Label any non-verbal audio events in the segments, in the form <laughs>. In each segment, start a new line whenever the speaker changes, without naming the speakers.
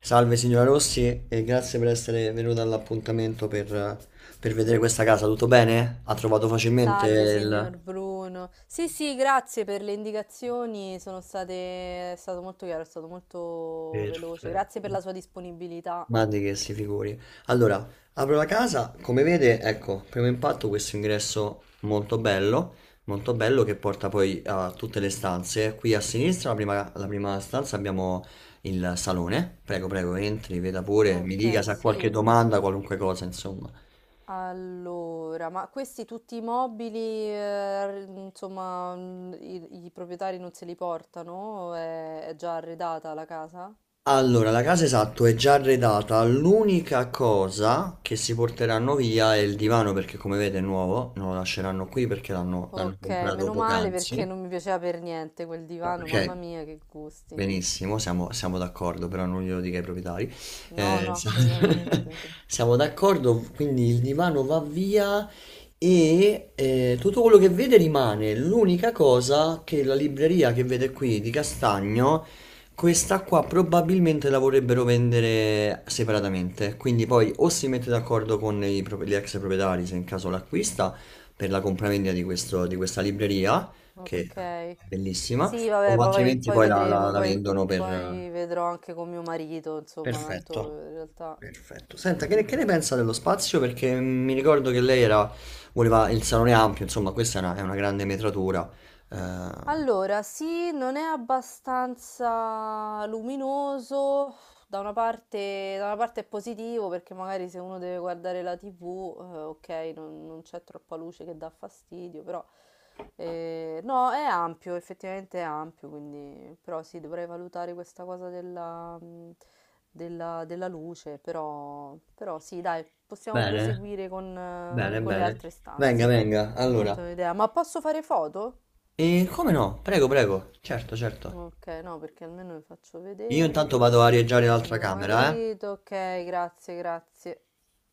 Salve signora Rossi e grazie per essere venuta all'appuntamento per vedere questa casa. Tutto bene? Ha trovato facilmente
Salve,
il...
signor Bruno. Sì, sì, grazie per le indicazioni, sono state... è stato molto chiaro, è stato molto veloce. Grazie per
Perfetto.
la sua disponibilità.
Ma di che si figuri. Allora, apro la casa, come vede, ecco, primo impatto questo ingresso molto bello che porta poi a tutte le stanze. Qui a sinistra, la prima stanza, abbiamo il salone. Prego, prego, entri, veda pure, mi dica
Ok,
se ha qualche
sì.
domanda, qualunque cosa, insomma.
Allora, ma questi tutti i mobili, insomma, i proprietari non se li portano? È già arredata la casa?
Allora, la casa esatto è già arredata, l'unica cosa che si porteranno via è il divano perché come vede è nuovo, non lo lasceranno qui perché l'hanno
Ok,
comprato
meno male perché
poc'anzi.
non mi piaceva per niente quel divano, mamma
Ok,
mia, che gusti.
benissimo, siamo d'accordo, però non glielo dica ai proprietari.
No,
No.
no,
<laughs>
assolutamente.
Siamo d'accordo, quindi il divano va via e tutto quello che vede rimane. L'unica cosa che la libreria che vede qui di Castagno, questa qua probabilmente la vorrebbero vendere separatamente. Quindi poi o si mette d'accordo con gli ex proprietari, se in caso l'acquista, per la compravendita di di questa libreria, che
Ok.
è bellissima,
Sì, vabbè,
o
poi,
altrimenti
poi
poi la, la-
vedremo,
la
poi,
vendono per...
poi vedrò anche con mio marito, insomma, tanto
Perfetto.
in realtà...
Perfetto. Senta, che ne pensa dello spazio? Perché mi ricordo che lei voleva il salone ampio, insomma, questa è una grande metratura. Eh,
Allora, sì, non è abbastanza luminoso, da una parte è positivo perché magari se uno deve guardare la TV, ok, non, non c'è troppa luce che dà fastidio, però no, è ampio, effettivamente è ampio, quindi però sì, dovrei valutare questa cosa della, della luce, però, però sì, dai, possiamo
Bene,
proseguire
bene,
con le
bene.
altre
Venga,
stanze,
venga.
mi ho
Allora,
fatto un'idea, ma posso fare foto?
e come no? Prego, prego. Certo, certo.
Okay, no, perché almeno le faccio
Io
vedere
intanto vado a arieggiare
a
l'altra
mio
camera, eh?
marito. Okay, grazie, grazie.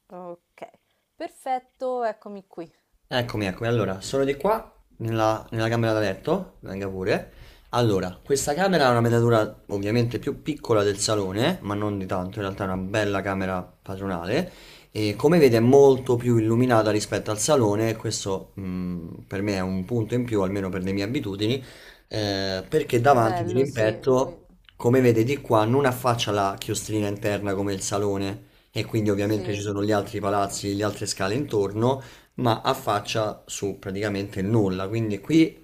Okay, perfetto, eccomi qui.
Eccomi, eccomi. Allora, sono di qua, nella camera da letto, venga pure. Allora, questa camera ha una metratura ovviamente più piccola del salone, ma non di tanto, in realtà è una bella camera padronale. E come vede è molto più illuminata rispetto al salone, e questo per me è un punto in più, almeno per le mie abitudini, perché davanti di
Bello, sì, qui,
rimpetto, come vede di qua, non affaccia la chiostrina interna come il salone, e quindi ovviamente ci
sì,
sono gli altri palazzi, le altre scale intorno, ma affaccia su praticamente il nulla. Quindi qui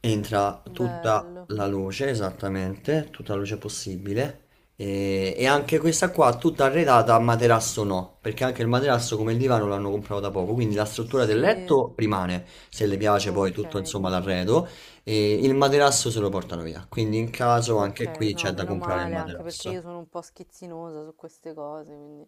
entra tutta
bello,
la luce, esattamente, tutta la luce possibile. E anche questa qua tutta arredata a materasso, no, perché anche il materasso come il divano l'hanno comprato da poco, quindi la struttura del
sì,
letto rimane, se le piace poi tutto
okay,
insomma l'arredo, e il materasso se lo portano via, quindi in caso anche
okay,
qui c'è
no,
da
meno
comprare il
male, anche perché io
materasso.
sono un po' schizzinosa su queste cose, quindi...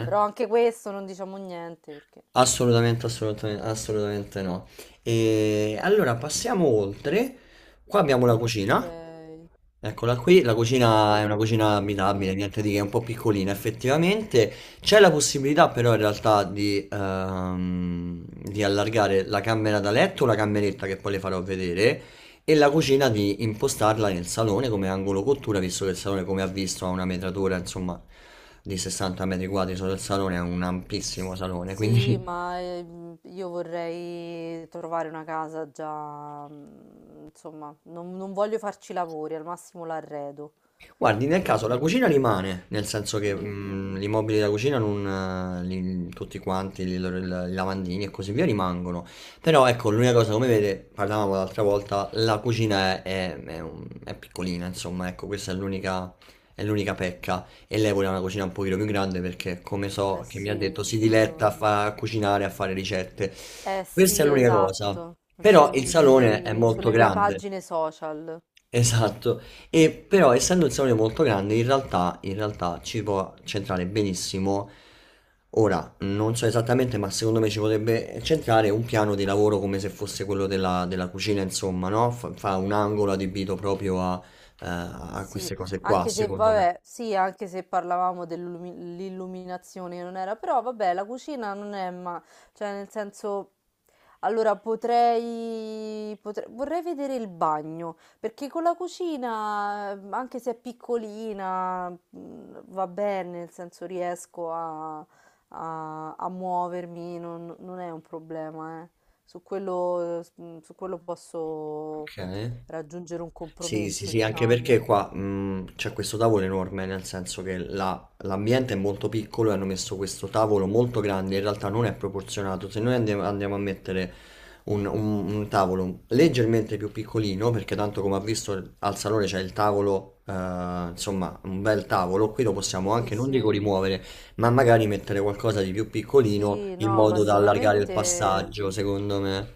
Però anche questo non diciamo niente perché...
Assolutamente, assolutamente, assolutamente no. E allora passiamo oltre. Qua abbiamo la cucina.
Okay,
Eccola qui, la cucina
sì.
è una cucina
Mm.
abitabile, niente di che, è un po' piccolina effettivamente. C'è la possibilità però in realtà di allargare la camera da letto, la cameretta che poi le farò vedere, e la cucina di impostarla nel salone come angolo cottura, visto che il salone, come ha visto, ha una metratura, insomma, di 60 metri quadri solo il salone, è un ampissimo salone,
Sì,
quindi.
ma io vorrei trovare una casa già, insomma, non, non voglio farci lavori, al massimo l'arredo,
Guardi, nel caso la cucina
quindi...
rimane, nel senso che
mm, mm.
gli immobili da cucina, non, tutti quanti, i lavandini e così via rimangono. Però ecco, l'unica cosa, come vede, parlavamo l'altra volta, la cucina è piccolina, insomma, ecco, questa è l'unica pecca. E lei voleva una cucina un pochino più grande perché, come
Eh
so che mi
sì,
ha detto, si diletta
io...
a cucinare, a fare ricette.
Eh
Questa è
sì,
l'unica cosa.
esatto,
Però il salone è molto
sulle mie
grande.
pagine social.
Esatto, e però essendo il salone molto grande in realtà ci può centrare benissimo, ora non so esattamente, ma secondo me ci potrebbe centrare un piano di lavoro come se fosse quello della cucina insomma, no? Fa un angolo adibito proprio a
Sì,
queste cose qua
anche se
secondo me.
vabbè, sì, anche se parlavamo dell'illuminazione non era, però vabbè, la cucina non è ma cioè nel senso allora vorrei vedere il bagno, perché con la cucina, anche se è piccolina, va bene, nel senso riesco a, a muovermi, non, non è un problema, eh. Su quello, su quello posso
Ok.
raggiungere un
Sì, sì,
compromesso,
sì, anche
diciamo.
perché qua c'è questo tavolo enorme, nel senso che l'ambiente è molto piccolo e hanno messo questo tavolo molto grande, in realtà non è proporzionato. Se noi andiamo a mettere un tavolo leggermente più piccolino, perché tanto come ha visto al salone c'è il tavolo, insomma, un bel tavolo, qui lo possiamo
Sì,
anche, non dico
sì,
rimuovere, ma magari mettere qualcosa di più piccolino
sì,
in
no, ma
modo da allargare il
sicuramente,
passaggio, secondo me.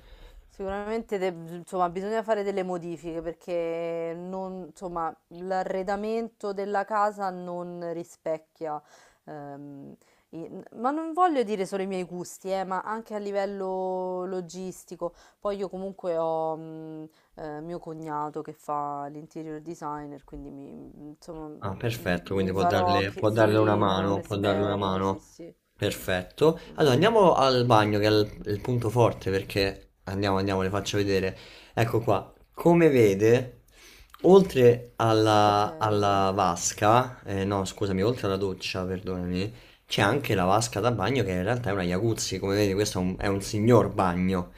sicuramente de- insomma, bisogna fare delle modifiche perché insomma, l'arredamento della casa non rispecchia. ehm, i- ma non voglio dire solo i miei gusti, ma anche a livello logistico. Poi io comunque ho mio cognato che fa l'interior designer, quindi insomma,
Ah, perfetto, quindi
Mi
può
farò
darle,
chie
può darle una
sì, da un
mano, può darle una
esperto, sì,
mano.
sì.
Perfetto.
Mh.
Allora andiamo
Sì,
al
sì.
bagno, che è il punto forte, perché andiamo, andiamo, le faccio vedere. Ecco qua, come vede, oltre alla,
Okay,
alla vasca, no, scusami, oltre alla doccia, perdonami, c'è anche la vasca da bagno che in realtà è una jacuzzi, come vedi questo è un signor bagno.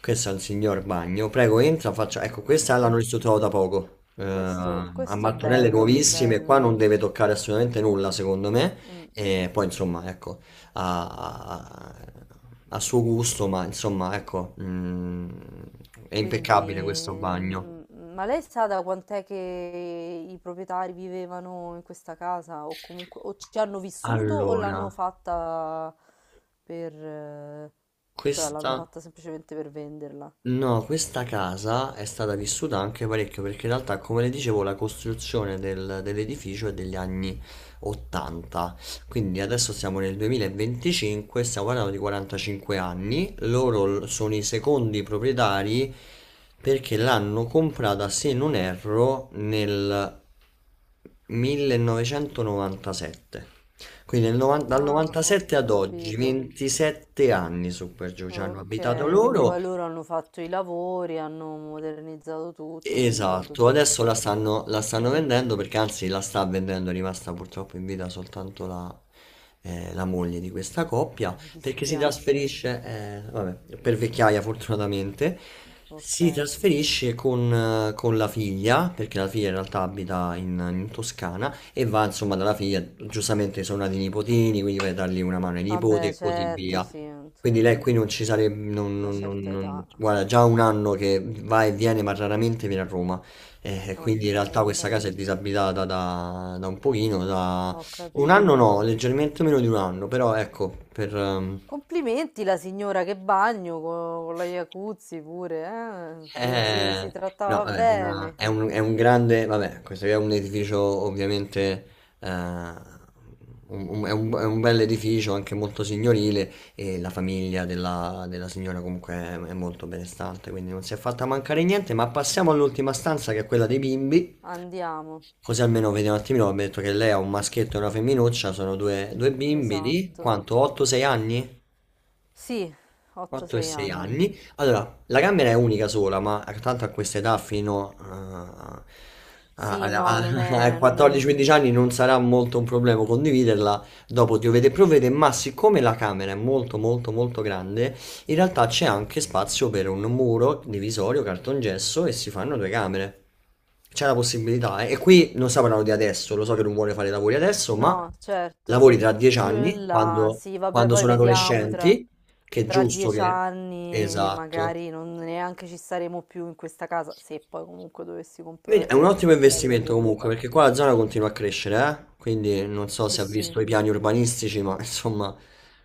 Questo è un signor bagno. Prego, entra, faccia... Ecco, questa
vabbè,
l'hanno ristrutturata da poco. A
questo
mattonelle
bello,
nuovissime, qua
bello.
non deve toccare assolutamente nulla, secondo me.
Mh.
E poi, insomma, ecco, a, a- a suo gusto, ma insomma, ecco, è impeccabile questo
Quindi
bagno.
ma lei sa da quant'è che i proprietari vivevano in questa casa o comunque o ci hanno vissuto o
Allora,
l'hanno fatta per cioè
questa...
l'hanno fatta semplicemente per venderla?
No, questa casa è stata vissuta anche parecchio perché in realtà, come le dicevo, la costruzione dell'edificio è degli anni 80, quindi adesso siamo nel 2025, stiamo parlando di 45 anni, loro sono i secondi proprietari perché l'hanno comprata, se non erro, nel 1997. Quindi dal
Ah, ho
97 ad oggi,
capito.
27 anni su per giù ci hanno abitato
Ok, quindi
loro.
poi loro hanno fatto i lavori, hanno modernizzato tutto, hanno rinnovato
Esatto, adesso la
tutto.
stanno, la
Mm,
stanno
mm, mm.
vendendo, perché anzi la sta vendendo, è rimasta purtroppo in vita soltanto la moglie di questa
Ah,
coppia
mi
perché si
dispiace.
trasferisce, vabbè, per vecchiaia fortunatamente,
Ok.
si trasferisce con la figlia perché la figlia in realtà abita in Toscana, e va insomma dalla figlia, giustamente sono nati i nipotini, quindi vai a dargli una mano ai nipoti
Vabbè,
e così
certo,
via.
sì,
Quindi
insomma,
lei qui non ci sarebbe,
una certa età.
guarda, già un anno che va e viene, ma raramente viene a Roma. Quindi
Ok,
in realtà
ok,
questa casa è disabitata da un pochino, da
ho
un anno,
capito.
no, leggermente meno di un anno, però ecco,
Complimenti la signora che bagno con, la Iacuzzi pure, eh? Se, se
eh,
si
no,
trattava
vabbè,
bene.
è un grande, vabbè, questo è un edificio ovviamente, eh, è un bel edificio, anche molto signorile, e la famiglia della signora comunque è molto benestante, quindi non si è fatta mancare niente, ma passiamo all'ultima stanza che è quella dei bimbi,
Andiamo.
così almeno vediamo un attimino, abbiamo detto che lei ha un maschietto e una femminuccia, sono due bimbi di
Esatto.
quanto? 8-6 anni?
Sì,
4 e
8-6
6
anni.
anni. Allora, la camera è unica sola, ma tanto a questa età fino a-
Sì,
a-
no,
a-
non
<laughs> ai
è, non è un
14-15 anni non sarà molto un problema condividerla. Dopo diovete e provvede, ma siccome la camera è molto molto molto grande, in realtà c'è anche spazio per un muro divisorio, cartongesso, e si fanno due camere. C'è la possibilità, eh. E qui non stiamo parlando di adesso, lo so che non vuole fare i lavori adesso, ma
No, certo.
lavori tra 10
Più
anni,
in là,
quando
sì, vabbè,
quando
poi
sono
vediamo tra,
adolescenti, che è
tra
giusto
dieci
che...
anni,
Esatto.
magari non neanche ci staremo più in questa casa, se poi comunque dovessi
Quindi è
comprare,
un ottimo
comprare
investimento comunque,
questa.
perché qua la zona continua a crescere, eh? Quindi non so
Sì,
se ha
sì.
visto i piani urbanistici, ma <laughs> insomma,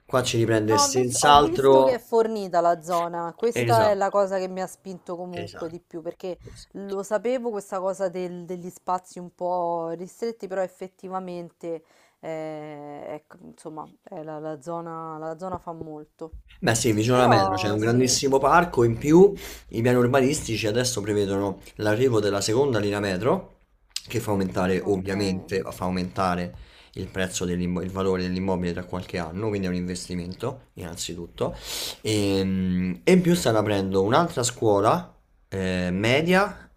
qua ci riprende
No, ho visto che è
senz'altro.
fornita la zona, questa è
Esatto,
la cosa che mi ha spinto comunque di
esatto.
più, perché
Esatto.
lo sapevo questa cosa degli spazi un po' ristretti, però effettivamente, ecco, insomma, è la la zona fa molto.
Beh sì, vicino alla metro c'è
Però
un
sì,
grandissimo parco,
Mm,
in
mm.
più i piani urbanistici adesso prevedono l'arrivo della seconda linea metro, che fa aumentare
Ok,
ovviamente, fa aumentare il prezzo il valore dell'immobile tra qualche anno, quindi è un investimento innanzitutto. E, in più stanno aprendo un'altra scuola media,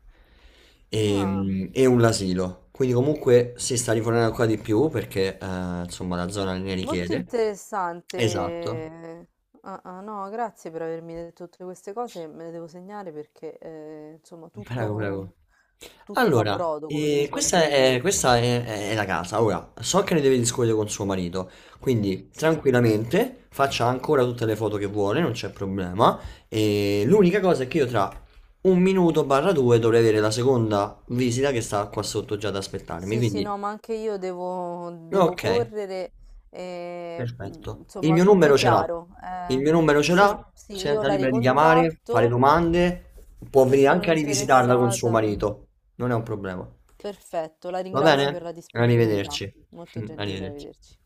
ah,
e un asilo, quindi comunque si sta rifornendo ancora di più perché insomma la zona ne
molto
richiede. Esatto.
interessante. Ah, ah, no, grazie per avermi detto tutte queste cose, me le devo segnare perché insomma
Prego,
tutto,
prego.
tutto fa
Allora,
brodo, come si suol
questa
dire.
è, questa è- è- è la casa. Ora, so che ne deve discutere con suo marito, quindi
Sì,
tranquillamente faccia ancora tutte le foto che vuole, non c'è problema. E l'unica cosa è che io tra un minuto barra due dovrei avere la seconda visita che sta qua sotto già ad aspettarmi,
sì, sì,
quindi,
no, ma anche io devo, devo
ok.
correre,
Perfetto. Il
insomma
mio
tutto
numero ce l'ha.
chiaro.
Il mio numero ce
Sì,
l'ha.
sì,
Si
io
senta
la
libera di chiamare, fare
ricontatto
domande. Può
se
venire
sono
anche a rivisitarla con suo
interessata.
marito. Non è un problema.
Perfetto, la
Va
ringrazio per
bene?
la disponibilità.
Arrivederci.
Molto
<laughs>
gentile,
Arrivederci.
arrivederci.